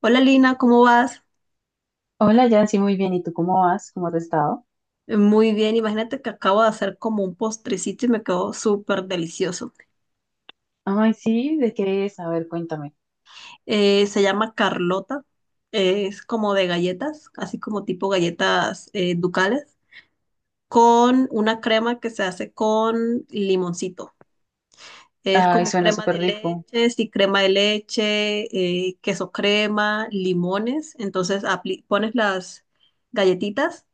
Hola Lina, ¿cómo vas? Hola, Yancy, muy bien. ¿Y tú cómo vas? ¿Cómo has estado? Muy bien, imagínate que acabo de hacer como un postrecito y me quedó súper delicioso. Ay, sí, ¿de qué es? A ver, cuéntame. Se llama Carlota, es como de galletas, así como tipo galletas ducales, con una crema que se hace con limoncito. Es Ay, como suena crema súper de rico. leche, sí, crema de leche, queso crema, limones. Entonces pones las galletitas,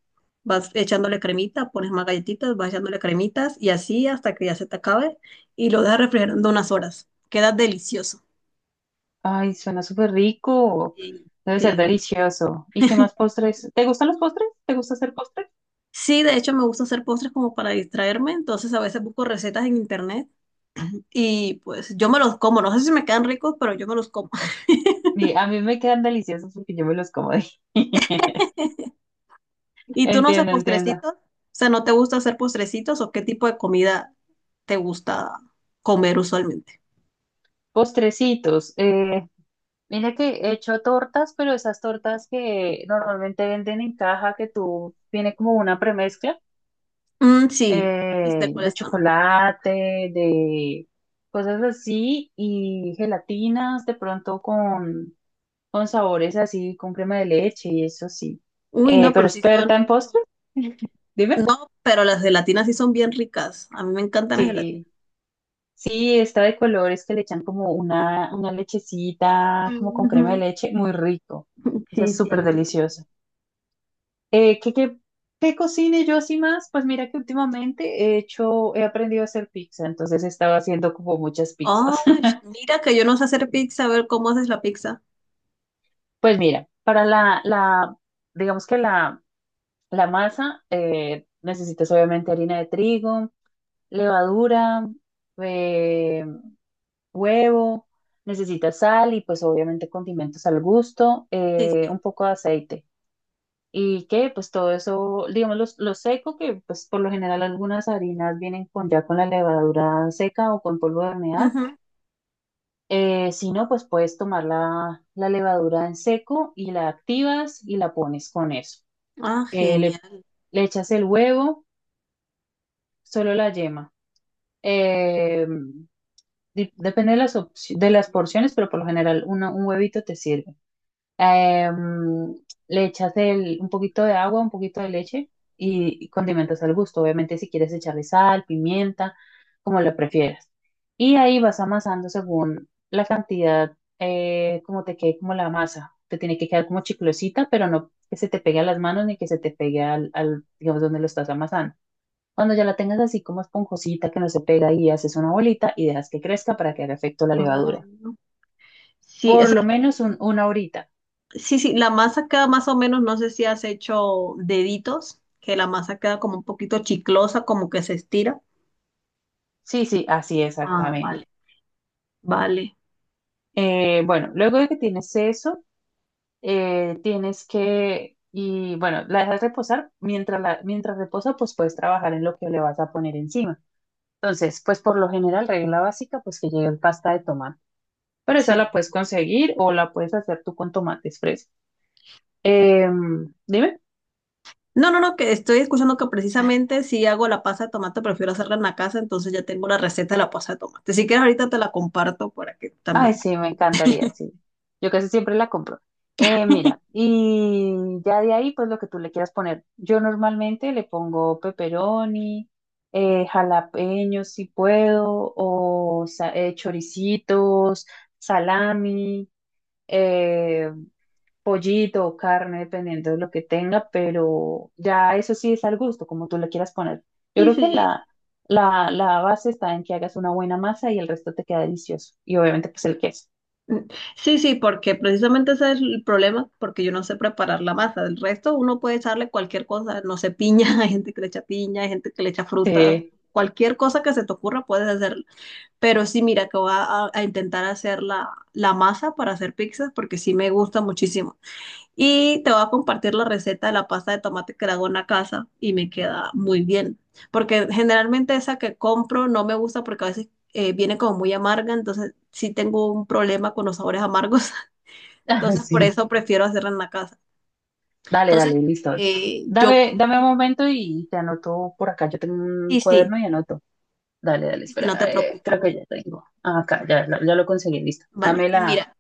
vas echándole cremita, pones más galletitas, vas echándole cremitas y así hasta que ya se te acabe y lo dejas refrigerando unas horas. Queda delicioso. Ay, suena súper rico. Sí, Debe ser sí. delicioso. ¿Y qué más postres? ¿Te gustan los postres? ¿Te gusta hacer postres? Sí, de hecho me gusta hacer postres como para distraerme, entonces a veces busco recetas en internet y pues yo me los como. No sé si me quedan ricos, pero yo me los como. Sí, a mí me quedan deliciosos porque yo me los como de... ¿Y tú no haces Entiendo, entiendo. postrecitos? O sea, ¿no te gusta hacer postrecitos o qué tipo de comida te gusta comer usualmente? Postrecitos. Mira que he hecho tortas, pero esas tortas que normalmente venden en caja, que tú tiene como una premezcla. Mm, sí, sí sé De cuáles son. chocolate, de cosas así y gelatinas de pronto con sabores así, con crema de leche y eso sí. Uy, no, Pero pero sí experta en son, postres, dime. no, pero las gelatinas sí son bien ricas. A mí me encantan las gelatinas. Sí, sí, está de colores que le echan como una lechecita, como con Ujú. crema de leche, muy rico. Eso es Sí, sí, a súper mí me encanta. delicioso. Eh, ¿qué, qué, ¿Qué cocine yo así más? Pues mira que últimamente he hecho, he aprendido a hacer pizza, entonces he estado haciendo como muchas pizzas. Ay, mira que yo no sé hacer pizza, a ver cómo haces la pizza. Pues mira, para la, digamos que la masa, necesitas obviamente harina de trigo, levadura, eh, huevo, necesitas sal y pues obviamente condimentos al gusto, Sí, sí. un poco de aceite. Y que pues todo eso, digamos, lo seco, que pues por lo general algunas harinas vienen con ya con la levadura seca o con polvo de hornear. Ujú. Si no, pues puedes tomar la levadura en seco y la activas y la pones con eso. Ah, eh, le, genial. Le echas el huevo, solo la yema. Eh, Depende de de las porciones, pero por lo general un huevito te sirve. Eh, Le echas un poquito de agua, un poquito de leche y condimentas al gusto. Obviamente si quieres echarle sal, pimienta, como lo prefieras. Y ahí vas amasando según la cantidad, como te quede como la masa. Te tiene que quedar como chiclosita, pero no que se te pegue a las manos ni que se te pegue al, digamos, donde lo estás amasando. Cuando ya la tengas así como esponjosita que no se pega y haces una bolita y dejas que crezca para que haga efecto la levadura. Mm. Sí, o Por lo sea, menos una horita. sí, sí, la masa queda más o menos, no sé si has hecho deditos, que la masa queda como un poquito chiclosa, como que se estira. Sí, sí, así Ah, exactamente. vale. Vale, Bueno, luego de que tienes eso, tienes que, y bueno, la dejas reposar. Mientras reposa, pues puedes trabajar en lo que le vas a poner encima. Entonces, pues por lo general, regla básica, pues que llegue pasta de tomate. Pero esa sí. la puedes conseguir o la puedes hacer tú con tomates frescos. Dime. No, no, no, que estoy escuchando que precisamente si hago la pasta de tomate, prefiero hacerla en la casa, entonces ya tengo la receta de la pasta de tomate. Si quieres, ahorita te la comparto para que Ay, también. sí, me encantaría, sí. Yo casi siempre la compro. Mira, y ya de ahí, pues lo que tú le quieras poner. Yo normalmente le pongo pepperoni, jalapeños si puedo, choricitos, salami, eh, pollito o carne, dependiendo de lo que tenga, pero ya eso sí es al gusto, como tú le quieras poner. Yo Sí, creo que sí, la base está en que hagas una buena masa y el resto te queda delicioso. Y obviamente, pues el queso. mm, sí, sí, porque precisamente ese es el problema, porque yo no sé preparar la masa. Del resto, uno puede echarle cualquier cosa, no sé, piña, hay gente que le echa piña, hay gente que le echa frutas, Sí, cualquier cosa que se te ocurra puedes hacerla. Pero sí, mira, que a intentar hacer la masa para hacer pizzas, porque sí me gusta muchísimo. Y te voy a compartir la receta de la pasta de tomate que la hago en la casa y me queda muy bien. Porque generalmente esa que compro no me gusta porque a veces viene como muy amarga, entonces sí tengo un problema con los sabores amargos. Entonces por sí. eso prefiero hacerla en la casa. Dale, dale, Entonces listo. Yo compro, Dame un momento y te anoto por acá. Yo tengo un y sí, cuaderno y anoto. Dale, dale, y si no te espera. Preocupes. Creo que ya tengo. Ah, acá, ya, ya lo conseguí, listo. Vale, Dame la. mira,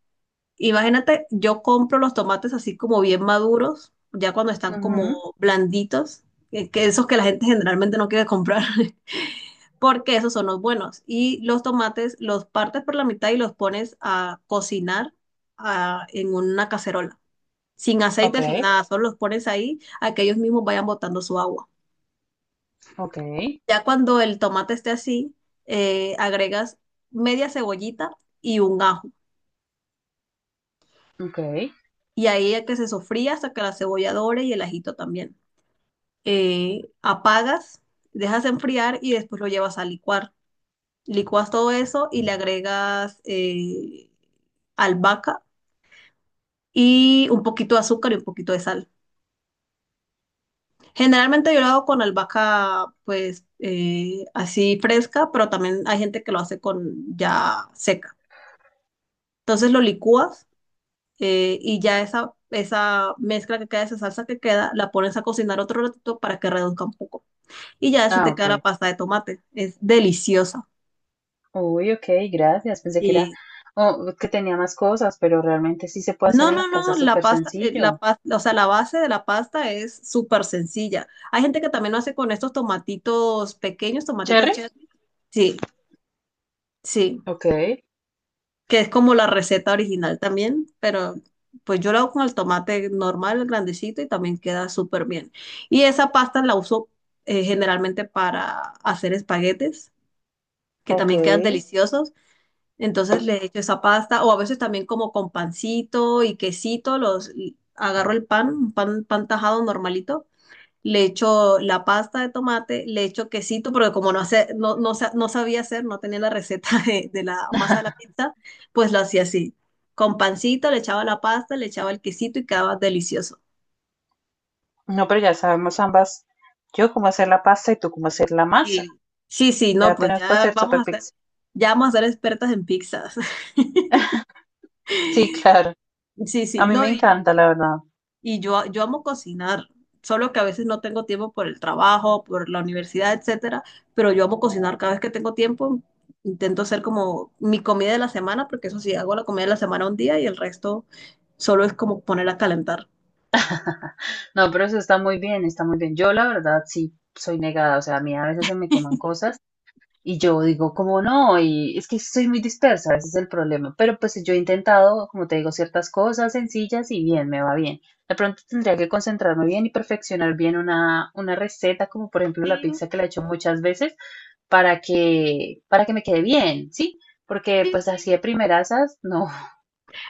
imagínate, yo compro los tomates así como bien maduros, ya cuando están como Ujú, blanditos, que esos que la gente generalmente no quiere comprar. Porque esos son los buenos. Y los tomates los partes por la mitad y los pones a cocinar ah, en una cacerola, sin ok, aceite, sin nada, solo los pones ahí a que ellos mismos vayan botando su agua. ok, Ya cuando el tomate esté así, agregas media cebollita y un ajo. ok. Y ahí es que se sofría hasta que la cebolla dore y el ajito también. Apagas, dejas enfriar y después lo llevas a licuar. Licuas todo eso y le agregas albahaca y un poquito de azúcar y un poquito de sal. Generalmente yo lo hago con albahaca, pues así fresca, pero también hay gente que lo hace con ya seca. Entonces lo licúas y ya esa mezcla que queda, esa salsa que queda, la pones a cocinar otro ratito para que reduzca un poco. Y ya así Ah, te ok. queda la pasta de tomate. Es deliciosa. Uy, ok, gracias. Pensé que era, Y oh, que tenía más cosas, pero realmente sí se puede hacer no, en no, la casa, no, es súper la sencillo. pasta, o sea, la base de la pasta es súper sencilla. Hay gente que también lo hace con estos tomatitos pequeños, tomatitos ¿Cherry? cheddar. Sí, sí, Ok, que es como la receta original también, pero pues yo la hago con el tomate normal, grandecito, y también queda súper bien. Y esa pasta la uso generalmente para hacer espaguetes, que ok. también quedan deliciosos. Entonces le echo esa pasta, o a veces también como con pancito y quesito, los y agarro el pan, pan tajado normalito, le echo la pasta de tomate, le echo quesito, porque como no, hace, no, no, no sabía hacer, no tenía la receta de la masa de la pizza, pues lo hacía así. Con pancito, le echaba la pasta, le echaba el quesito y quedaba delicioso. No, pero ya sabemos ambas. Yo cómo hacer la pasta y tú cómo hacer la masa. Y sí, sí, no, Ya pues tenemos para hacer Super Pix. ya vamos a ser expertas en pizzas. Sí, claro. Sí, A sí, mí me no, y, encanta, la verdad. Yo amo cocinar, solo que a veces no tengo tiempo por el trabajo, por la universidad, etcétera, pero yo amo cocinar cada vez que tengo tiempo. Intento hacer como mi comida de la semana, porque eso sí, hago la comida de la semana un día y el resto solo es como ponerla a calentar. No, pero eso está muy bien, está muy bien. Yo, la verdad, sí soy negada. O sea, a mí a veces se me queman cosas y yo digo, como no? Y es que soy muy dispersa, ese es el problema. Pero pues yo he intentado, como te digo, ciertas cosas sencillas y bien, me va bien. De pronto tendría que concentrarme bien y perfeccionar bien una receta, como por ejemplo la Sí, pizza que la he hecho muchas veces, para que me quede bien, ¿sí? Porque sí, pues sí. así de primerasas, no,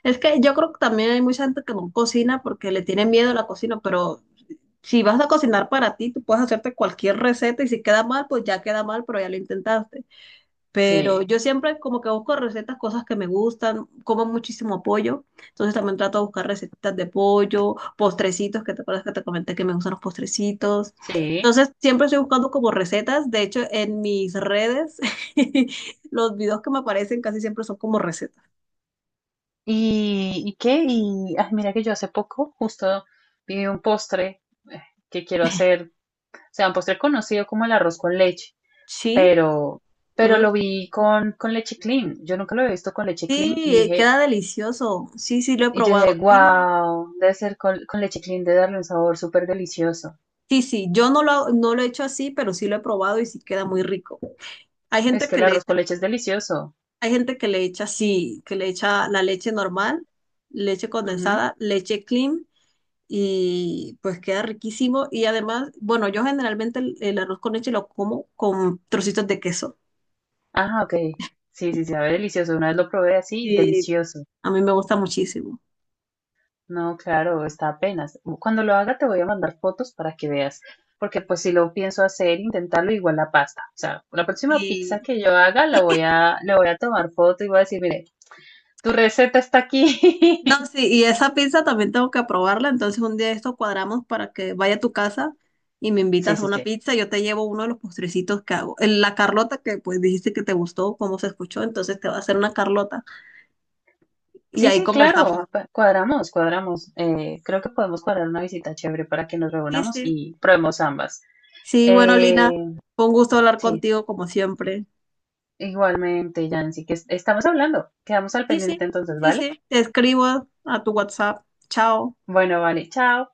Es que yo creo que también hay mucha gente que no cocina porque le tiene miedo a la cocina, pero si vas a cocinar para ti, tú puedes hacerte cualquier receta y si queda mal, pues ya queda mal, pero ya lo intentaste. Pero sí. yo siempre como que busco recetas, cosas que me gustan, como muchísimo pollo, entonces también trato de buscar recetas de pollo, postrecitos, que te acuerdas que te comenté que me gustan los postrecitos. Sí. Entonces siempre estoy buscando como recetas, de hecho en mis redes los videos que me aparecen casi siempre son como recetas. Y qué? Y ay, mira que yo hace poco justo vi un postre eh, que quiero hacer, o sea, un postre conocido como el arroz con leche, Sí, pero, pero lo uy, vi con leche clean. Yo nunca lo había visto con leche sí, clean y dije, queda delicioso, sí, sí lo he y yo dije, probado. Yo no, wow, debe ser con leche clean, de darle un sabor súper delicioso. sí, sí, yo no lo, no lo he hecho así, pero sí lo he probado y sí queda muy rico. Hay Es gente que que el le arroz con leche es delicioso. Hay gente que le echa así, que le echa la leche normal, leche Ajá, condensada, leche clean y pues queda riquísimo. Y además, bueno, yo generalmente el arroz con leche lo como con trocitos de queso. ah, ok. Sí, sí, sabe delicioso. Una vez lo probé así, Y delicioso. a mí me gusta muchísimo. No, claro, está apenas. Cuando lo haga te voy a mandar fotos para que veas, porque pues si lo pienso hacer, intentarlo igual la pasta. O sea, la próxima pizza Y que yo haga la voy a, le voy a tomar foto y voy a decir, mire, tu receta está no, aquí. sí, y esa pizza también tengo que probarla. Entonces un día esto cuadramos para que vaya a tu casa y me Sí, invitas a sí, una sí. pizza. Yo te llevo uno de los postrecitos que hago. El- La Carlota que pues dijiste que te gustó, cómo se escuchó, entonces te va a hacer una Carlota. Y Sí, ahí sí, conversamos claro, cuadramos, cuadramos. Creo que podemos cuadrar una visita chévere para que nos sí, reunamos sí. y probemos ambas. Sí, bueno, Eh, Lina, fue un gusto hablar sí, contigo como siempre. igualmente, Yancy, que estamos hablando. Quedamos al Sí, sí, pendiente entonces, sí, ¿vale? sí. Te escribo a tu WhatsApp. Chao. Bueno, vale, chao.